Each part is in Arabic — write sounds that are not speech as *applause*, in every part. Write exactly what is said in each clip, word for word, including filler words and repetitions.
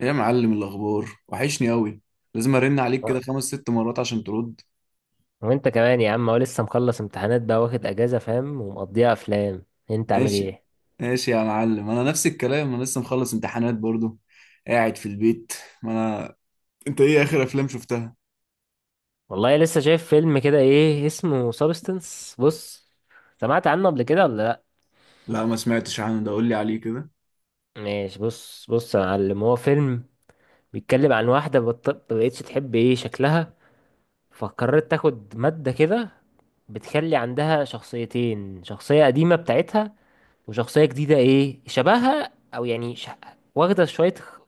ايه يا معلم، الاخبار وحشني قوي. لازم ارن عليك كده آه. خمس ست مرات عشان ترد. وانت كمان يا عم، هو لسه مخلص امتحانات بقى واخد اجازة، فاهم؟ ومقضيها افلام. انت عامل ماشي. ايه؟ ماشي يا معلم، انا نفس الكلام، انا لسه مخلص امتحانات برضو. قاعد في البيت. ما انا انت ايه اخر افلام شفتها؟ والله لسه شايف فيلم كده، ايه اسمه، سابستنس. بص، سمعت عنه قبل كده ولا لا؟ لا ما سمعتش عنه، ده قول لي عليه كده. ماشي، بص بص يا معلم، هو فيلم بيتكلم عن واحدة بط- ما بقتش تحب ايه شكلها، فقررت تاخد مادة كده بتخلي عندها شخصيتين، شخصية قديمة بتاعتها وشخصية جديدة ايه شبهها، او يعني ش... واخدة شوية خ-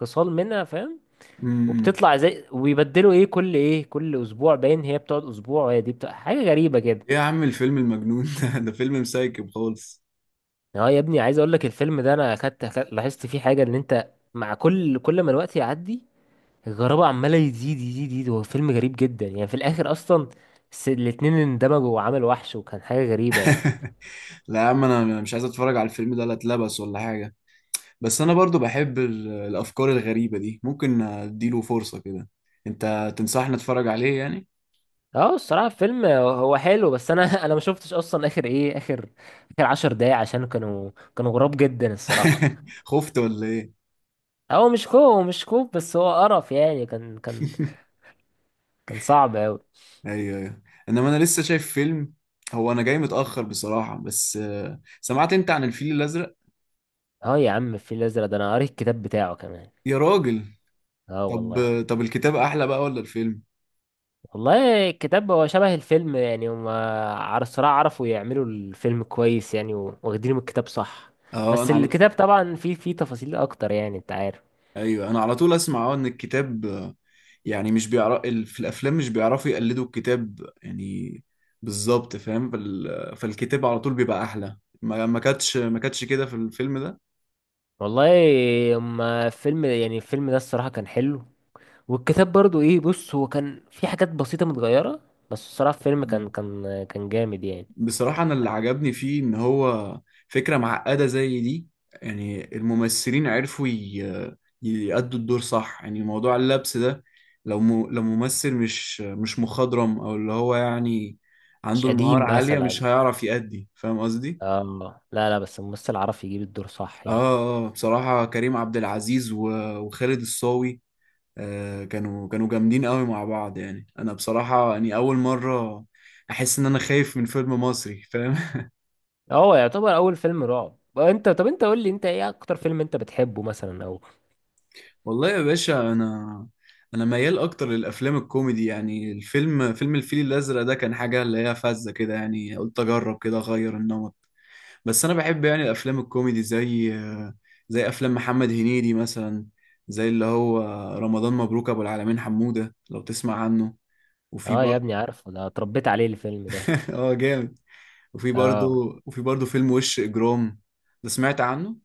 خصال منها، فاهم. امم. وبتطلع زي وبيبدلوا ايه كل ايه كل اسبوع، باين هي بتقعد اسبوع وهي دي بتقعد، حاجه غريبه كده. ايه يا عم الفيلم المجنون ده *laughs* ده فيلم مسايكب خالص. اه يا ابني، عايز اقول لك الفيلم ده انا اخدت أخدت- لاحظت فيه حاجه، ان انت مع كل كل ما الوقت يعدي الغرابه عماله يزيد يزيد يزيد. هو فيلم غريب جدا يعني، في الاخر اصلا الس- الاتنين اندمجوا وعملوا وحش، وكان حاجه غريبه يعني. *laughs* لا يا عم، انا أنا مش عايز اتفرج على الفيلم ده، لا اتلبس ولا حاجه. بس انا برضو بحب ال- الافكار الغريبه دي، ممكن اديله فرصه كده. انت تنصحني اتفرج عليه يعني؟ اه، الصراحه الفيلم هو حلو، بس انا *laughs* انا ما شفتش اصلا اخر ايه اخر اخر عشر دقايق، عشان كانوا كانوا غراب جدا الصراحه. *laughs* خفت ولا ايه؟ هو مش كوب مش كوب، بس هو قرف يعني، كان كان كان صعب أوي. ايوه ايوه. انما انا لسه شايف فيلم. هو انا جاي متأخر بصراحة، بس آه، سمعت انت عن الفيل الازرق؟ اه يا عم، الفيل الأزرق ده أنا قريت الكتاب بتاعه كمان. يا راجل. اه طب والله. طب الكتاب احلى بقى ولا الفيلم؟ والله الكتاب هو شبه الفيلم يعني، هما على الصراحة عرفوا يعملوا الفيلم كويس يعني، و- واخدينه من الكتاب صح. اه بس انا على... الكتاب طبعا فيه فيه تفاصيل أكتر، يعني أنت عارف. ايوه انا على طول اسمع اه ان الكتاب، آه، يعني مش بيعرف في الافلام، مش بيعرفوا يقلدوا الكتاب يعني. بالظبط فاهم، فال... فالكتاب على طول بيبقى احلى، ما ما كانتش ما كانتش كده في الفيلم. والله، هما فيلم يعني الفيلم ده الصراحة كان حلو، والكتاب برضو إيه، بص، هو كان في حاجات بسيطة متغيرة، بس الصراحة الفيلم كان ده كان كان جامد يعني. بصراحة أنا اللي عجبني فيه إن هو فكرة معقدة زي دي. يعني الممثلين عرفوا ي- يأدوا الدور صح، يعني موضوع اللبس ده. لو م... لو ممثل مش مش مخضرم، أو اللي هو يعني مش عنده المهارة قديم عالية، مش مثلا. هيعرف يأدي، فاهم قصدي؟ اه لا لا، بس الممثل عرف يجيب الدور صح آه يعني. آه، بصراحة كريم عبد العزيز و... وخالد الصاوي. آه، كانوا كانوا جامدين قوي مع بعض، يعني أنا بصراحة يعني أول مرة أحس إن أنا خايف من فيلم مصري، فاهم؟ هو يعتبر اول فيلم رعب. انت، طب انت قول لي، انت ايه اكتر فيلم انت بتحبه مثلا، او... والله يا باشا، انا انا ميال اكتر للافلام الكوميدي، يعني الفيلم فيلم الفيل الازرق ده كان حاجه اللي هي فذه كده، يعني قلت اجرب كده اغير النمط. بس انا بحب يعني الافلام الكوميدي، زي زي افلام محمد هنيدي مثلا، زي اللي هو رمضان مبروك ابو العالمين حموده، لو تسمع عنه. وفي اه يا برضه. ابني، عارفه، ده اتربيت عليه الفيلم ده. *laughs* اه جامد. وفي برضه اه. وفي برضه فيلم وش اجرام، ده سمعت عنه.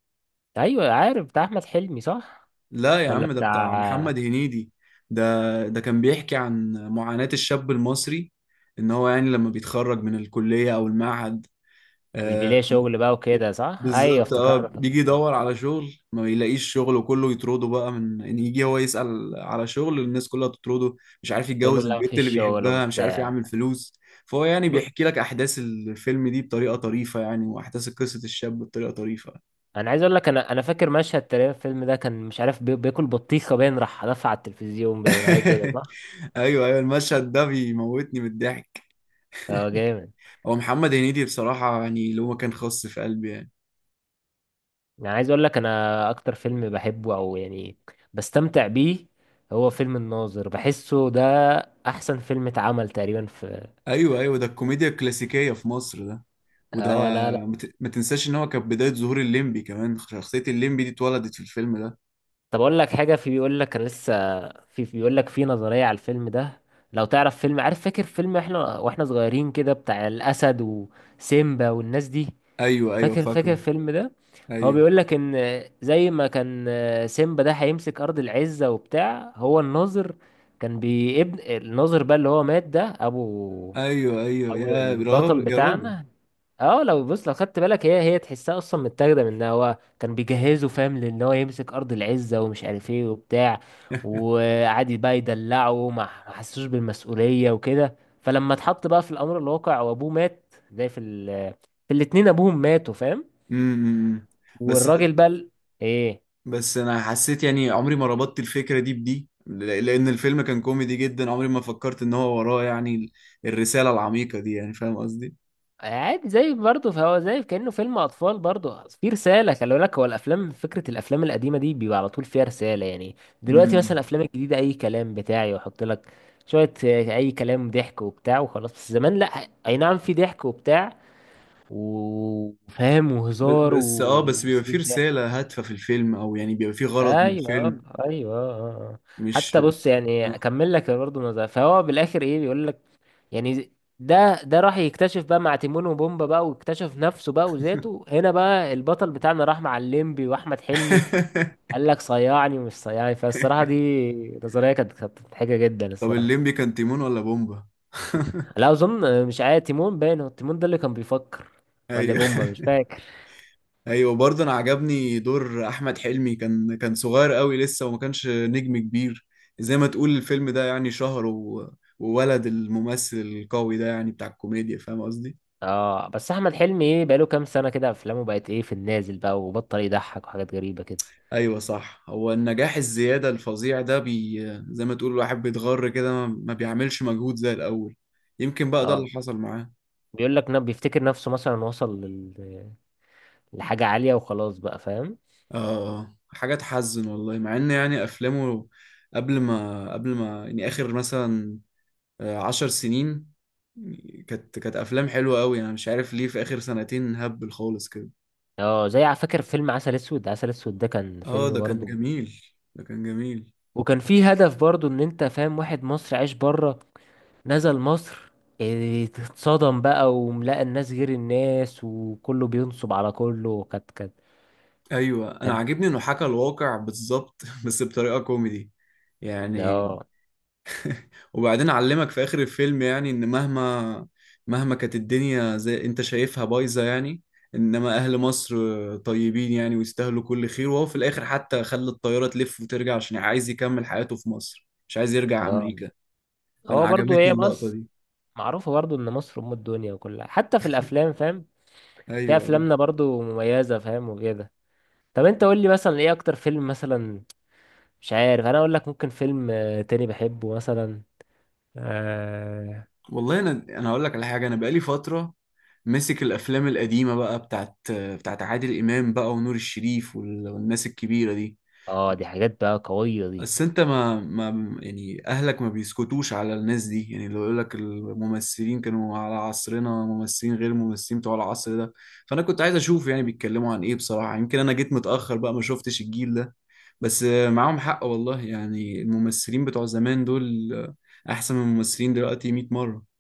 ايوه عارف بتاع احمد حلمي، صح؟ لا يا ولا عم، ده بتاع بتاع... محمد هنيدي. ده ده كان بيحكي عن معاناة الشاب المصري، ان هو يعني لما بيتخرج من الكلية او المعهد. مش آه. بيلاقي شغل بقى وكده، صح، ايوه بالظبط، اه افتكرت. بيجي يدور على شغل، ما بيلاقيش شغل، وكله يطرده بقى، من ان يجي هو يسأل على شغل، الناس كلها تطرده. مش عارف تقول له يتجوز لا البنت مفيش اللي شغل بيحبها، مش عارف وبتاع. يعمل فلوس. فهو يعني ب... بيحكي لك احداث الفيلم دي بطريقة طريفة، يعني واحداث قصة الشاب بطريقة طريفة. انا عايز اقول لك، انا انا فاكر مشهد تقريبا في الفيلم ده، كان مش عارف بي... بياكل بطيخه، باين راح دفع على التلفزيون باين حاجه كده، *laughs* صح. ايوه ايوه، المشهد ده بيموتني من الضحك. اه جامد. هو محمد هنيدي بصراحة يعني اللي هو كان خاص في قلبي يعني. يعني عايز اقول لك انا اكتر فيلم بحبه، او يعني بستمتع بيه، هو فيلم الناظر. بحسه ده احسن فيلم اتعمل تقريبا في... أيوه أيوه، ده الكوميديا الكلاسيكية في مصر ده. وده اه لا لا. ما ت- ما تنساش إن هو كان بداية ظهور الليمبي، كمان شخصية الليمبي دي اتولدت في الفيلم ده. طب اقول لك حاجه، في بيقول لك انا لسه، في في بيقول لك في نظريه على الفيلم ده. لو تعرف فيلم، عارف فاكر فيلم احنا واحنا صغيرين كده بتاع الاسد وسيمبا والناس دي؟ أيوه أيوه، فاكر فاكر فاكره. الفيلم ده؟ هو أيوه بيقول لك ان زي ما كان سيمبا ده هيمسك ارض العزة وبتاع، هو الناظر كان بيبن الناظر بقى اللي هو مات، ده ابو أيوه أيوه ابو يا البطل راجل يا راجل. بتاعنا. اه لو بص، لو خدت بالك هي هي تحسها اصلا متاخده من إن هو كان بيجهزه فاهم، لان هو يمسك ارض العزه، ومش عارف ايه وبتاع، وقعد بقى يدلعه، ما ما حسوش بالمسؤوليه وكده. فلما اتحط بقى في الامر الواقع وابوه مات، زي في ال... في الاتنين ابوهم ماتوا، فاهم. امم. إمم، إمم. بس والراجل بقى ال- ايه، بس أنا حسيت يعني عمري ما ربطت الفكرة دي بدي، ل- لأن الفيلم كان كوميدي جدا، عمري ما فكرت إن هو وراه يعني ال- الرسالة العميقة دي، يعني فاهم قصدي؟ عادي زي برضه، فهو زي كأنه فيلم اطفال برضه، في رسالة. خلي بالك، هو الافلام فكرة الافلام القديمة دي بيبقى على طول فيها رسالة يعني. دلوقتي مثلا إمم. الافلام الجديدة اي كلام بتاعي، ويحط لك شوية آه، اي كلام ضحك وبتاع وخلاص. بس زمان لا، اي نعم في ضحك وبتاع وفاهم ب- وهزار بس اه بس بيبقى فيه وسريك ضحك. رسالة هادفة في الفيلم، او يعني بيبقى فيه غرض من ايوه، آه، الفيلم. ايوه، آه، آه، آه. مش حتى بص، يعني آه. اكمل لك برضه نظرة، فهو بالاخر ايه بيقول لك، يعني ده ده راح يكتشف بقى مع تيمون وبومبا بقى، واكتشف نفسه بقى وذاته. هنا بقى البطل بتاعنا راح مع الليمبي واحمد حلمي، *laughs* قال لك صيعني ومش صيعني. فالصراحه دي نظريه كانت كانت مضحكه جدا طب، الصراحه. الليمبي كان تيمون ولا بومبا؟ *laughs* لا اظن، مش عارف، تيمون باين هو تيمون ده اللي كان بيفكر، ولا ايوه بومبا، مش فاكر. ايوه، برضه انا عجبني دور احمد حلمي، كان كان صغير قوي لسه، وما كانش نجم كبير. زي ما تقول الفيلم ده يعني شهر و... وولد الممثل القوي ده يعني بتاع الكوميديا، فاهم قصدي؟ اه بس احمد حلمي، ايه، بقاله كام سنه كده، افلامه بقت ايه، في النازل بقى وبطل يضحك وحاجات غريبه كده. ايوه صح، هو النجاح الزياده الفظيع ده بي زي ما تقول الواحد بيتغر كده، ما ما بيعملش مجهود زي الاول. يمكن بقى ده اللي اه، حصل معاه. بيقول لك نب بيفتكر نفسه مثلا وصل لل... لحاجة عالية وخلاص بقى، فاهم. اه. آه. حاجه تحزن والله، مع ان يعني افلامه قبل ما قبل ما يعني اخر مثلا آه، عشر سنين، كانت كانت افلام حلوه قوي. انا مش عارف ليه في اخر سنتين هبل خالص كده. اه، زي على فكرة فيلم عسل اسود، عسل اسود ده كان اه، فيلم ده كان برضه، جميل. ده كان جميل. وكان فيه هدف برضه، ان انت فاهم واحد مصري عايش بره، نزل مصر، إيه، اتصدم بقى وملاقى الناس غير الناس، وكله بينصب على كله، كانت كانت ايوه انا كانت- عاجبني انه حكى الواقع بالظبط، *laughs* بس بطريقه كوميدي يعني. اه وبعدين علمك في آخر الفيلم يعني إن مهما مهما كانت الدنيا زي أنت شايفها بايظة يعني، إنما أهل مصر طيبين يعني ويستاهلوا كل خير، وهو في الآخر حتى خلى الطيارة تلف وترجع عشان عايز يكمل حياته في مصر، مش عايز يرجع اه، أمريكا. فأنا هو برضه عجبتني هي اللقطة مصر دي. معروفة برضه ان مصر ام الدنيا وكلها، حتى في الافلام، فاهم، في أيوه أيوه. افلامنا برضه مميزة، فاهم وكده. طب انت قول لي مثلا ايه اكتر فيلم مثلا، مش عارف، انا اقول لك ممكن فيلم آه، تاني بحبه مثلا. اه. والله، أنا أنا هقول لك على حاجة، أنا بقالي فترة ماسك الأفلام القديمة بقى، بتاعت بتاعت عادل إمام بقى ونور الشريف وال- والناس الكبيرة دي. آه، دي حاجات بقى قوية دي. بس انت ما ما يعني اهلك ما بيسكتوش على الناس دي، يعني لو يقول لك الممثلين كانوا على عصرنا، ممثلين غير الممثلين بتوع العصر ده. فانا كنت عايز اشوف يعني بيتكلموا عن ايه بصراحة، يمكن انا جيت متأخر بقى ما شفتش الجيل ده. بس آه، معاهم حق والله، يعني الممثلين بتوع زمان دول آه، احسن من الممثلين دلوقتي مية مرة.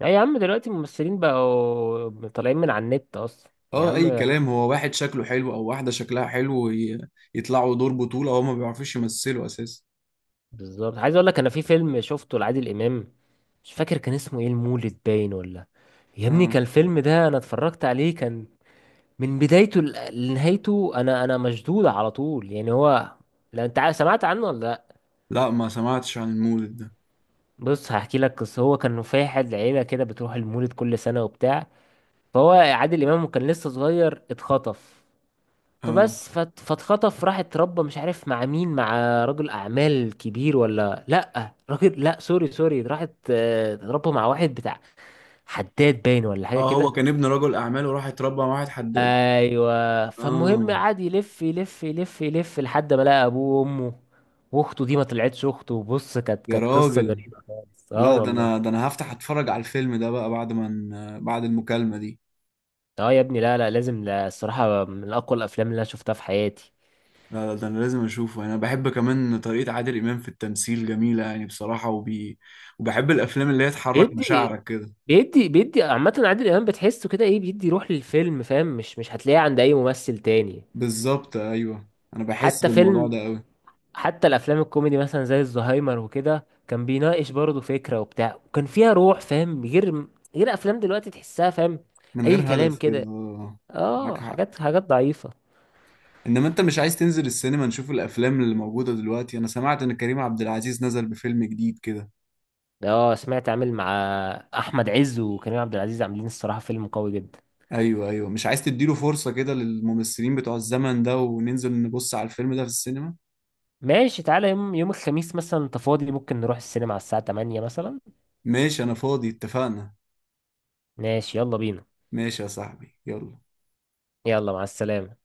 لا يا عم، دلوقتي الممثلين بقوا طالعين من على النت اصلا، يا اه، اي عم. كلام، هو واحد شكله حلو او واحدة شكلها حلو ي- يطلعوا دور بطولة، هو ما بيعرفوش يمثلوا اساسا. بالظبط، عايز اقول لك انا في فيلم شفته لعادل امام، مش فاكر كان اسمه ايه، المولد باين، ولا... يا ابني، اه. كان الفيلم ده انا اتفرجت عليه، كان من بدايته ل- لنهايته، انا انا مشدود على طول يعني. هو، لو انت عا- سمعت عنه ولا لا؟ لا ما سمعتش عن المولد ده. بص هحكي لك قصة، هو كان فاحل عيلة كده بتروح المولد كل سنة وبتاع، فهو عادل امام كان لسه صغير، اتخطف. اه. فبس فات- فاتخطف راح اتربى، مش عارف مع مين، مع رجل اعمال كبير، ولا لا راجل، لا سوري سوري، راحت آه، اتربى مع واحد بتاع حداد باين ولا حاجه اه، هو كده. كان ابن رجل اعمال وراح اتربى مع واحد حداد. ايوه. فالمهم اه قعد يلف يلف يلف يلف لحد ما لقى ابوه وامه واخته، دي ما طلعتش اخته، بص، كانت يا كانت قصه راجل. غريبه خالص، اه لا، ده انا والله. ده انا هفتح اتفرج على الفيلم ده بقى، بعد ما ن- بعد المكالمة دي. اه يا ابني، لا لا لازم، لا الصراحه من اقوى الافلام اللي انا شفتها في حياتي. لا لا، ده انا لازم اشوفه، انا بحب كمان طريقة عادل امام في التمثيل جميلة يعني بصراحة، وبي... وبحب الافلام اللي هي تحرك بيدي. مشاعرك كده. بيدي بيدي عامة عادل إمام بتحسه كده، إيه، بيدي روح للفيلم، فاهم، مش مش هتلاقيه عند أي ممثل تاني. بالظبط ايوه. انا بحس حتى بالموضوع فيلم ده قوي. حتى الأفلام الكوميدي مثلا زي الزهايمر وكده، كان بيناقش برضه فكرة وبتاع، وكان فيها روح، فاهم، غير غير أفلام دلوقتي تحسها، فاهم، من أي غير كلام هدف كده، كده. آه، معاك آه حق. حاجات حاجات ضعيفة. انما انت مش عايز تنزل السينما نشوف الافلام اللي موجودة دلوقتي؟ انا سمعت ان كريم عبد العزيز نزل بفيلم جديد كده. آه سمعت، عامل مع أحمد عز وكريم عبد العزيز، عاملين الصراحة فيلم قوي جدا. ايوه ايوه، مش عايز تديله فرصة كده للممثلين بتوع الزمن ده وننزل نبص على الفيلم ده في السينما؟ ماشي، تعالى يوم يوم الخميس مثلا، أنت فاضي، ممكن نروح السينما على الساعة تمانية مثلا. ماشي، انا فاضي، اتفقنا. ماشي يلا بينا. ماشي يا صاحبي، يلا. يلا مع السلامة.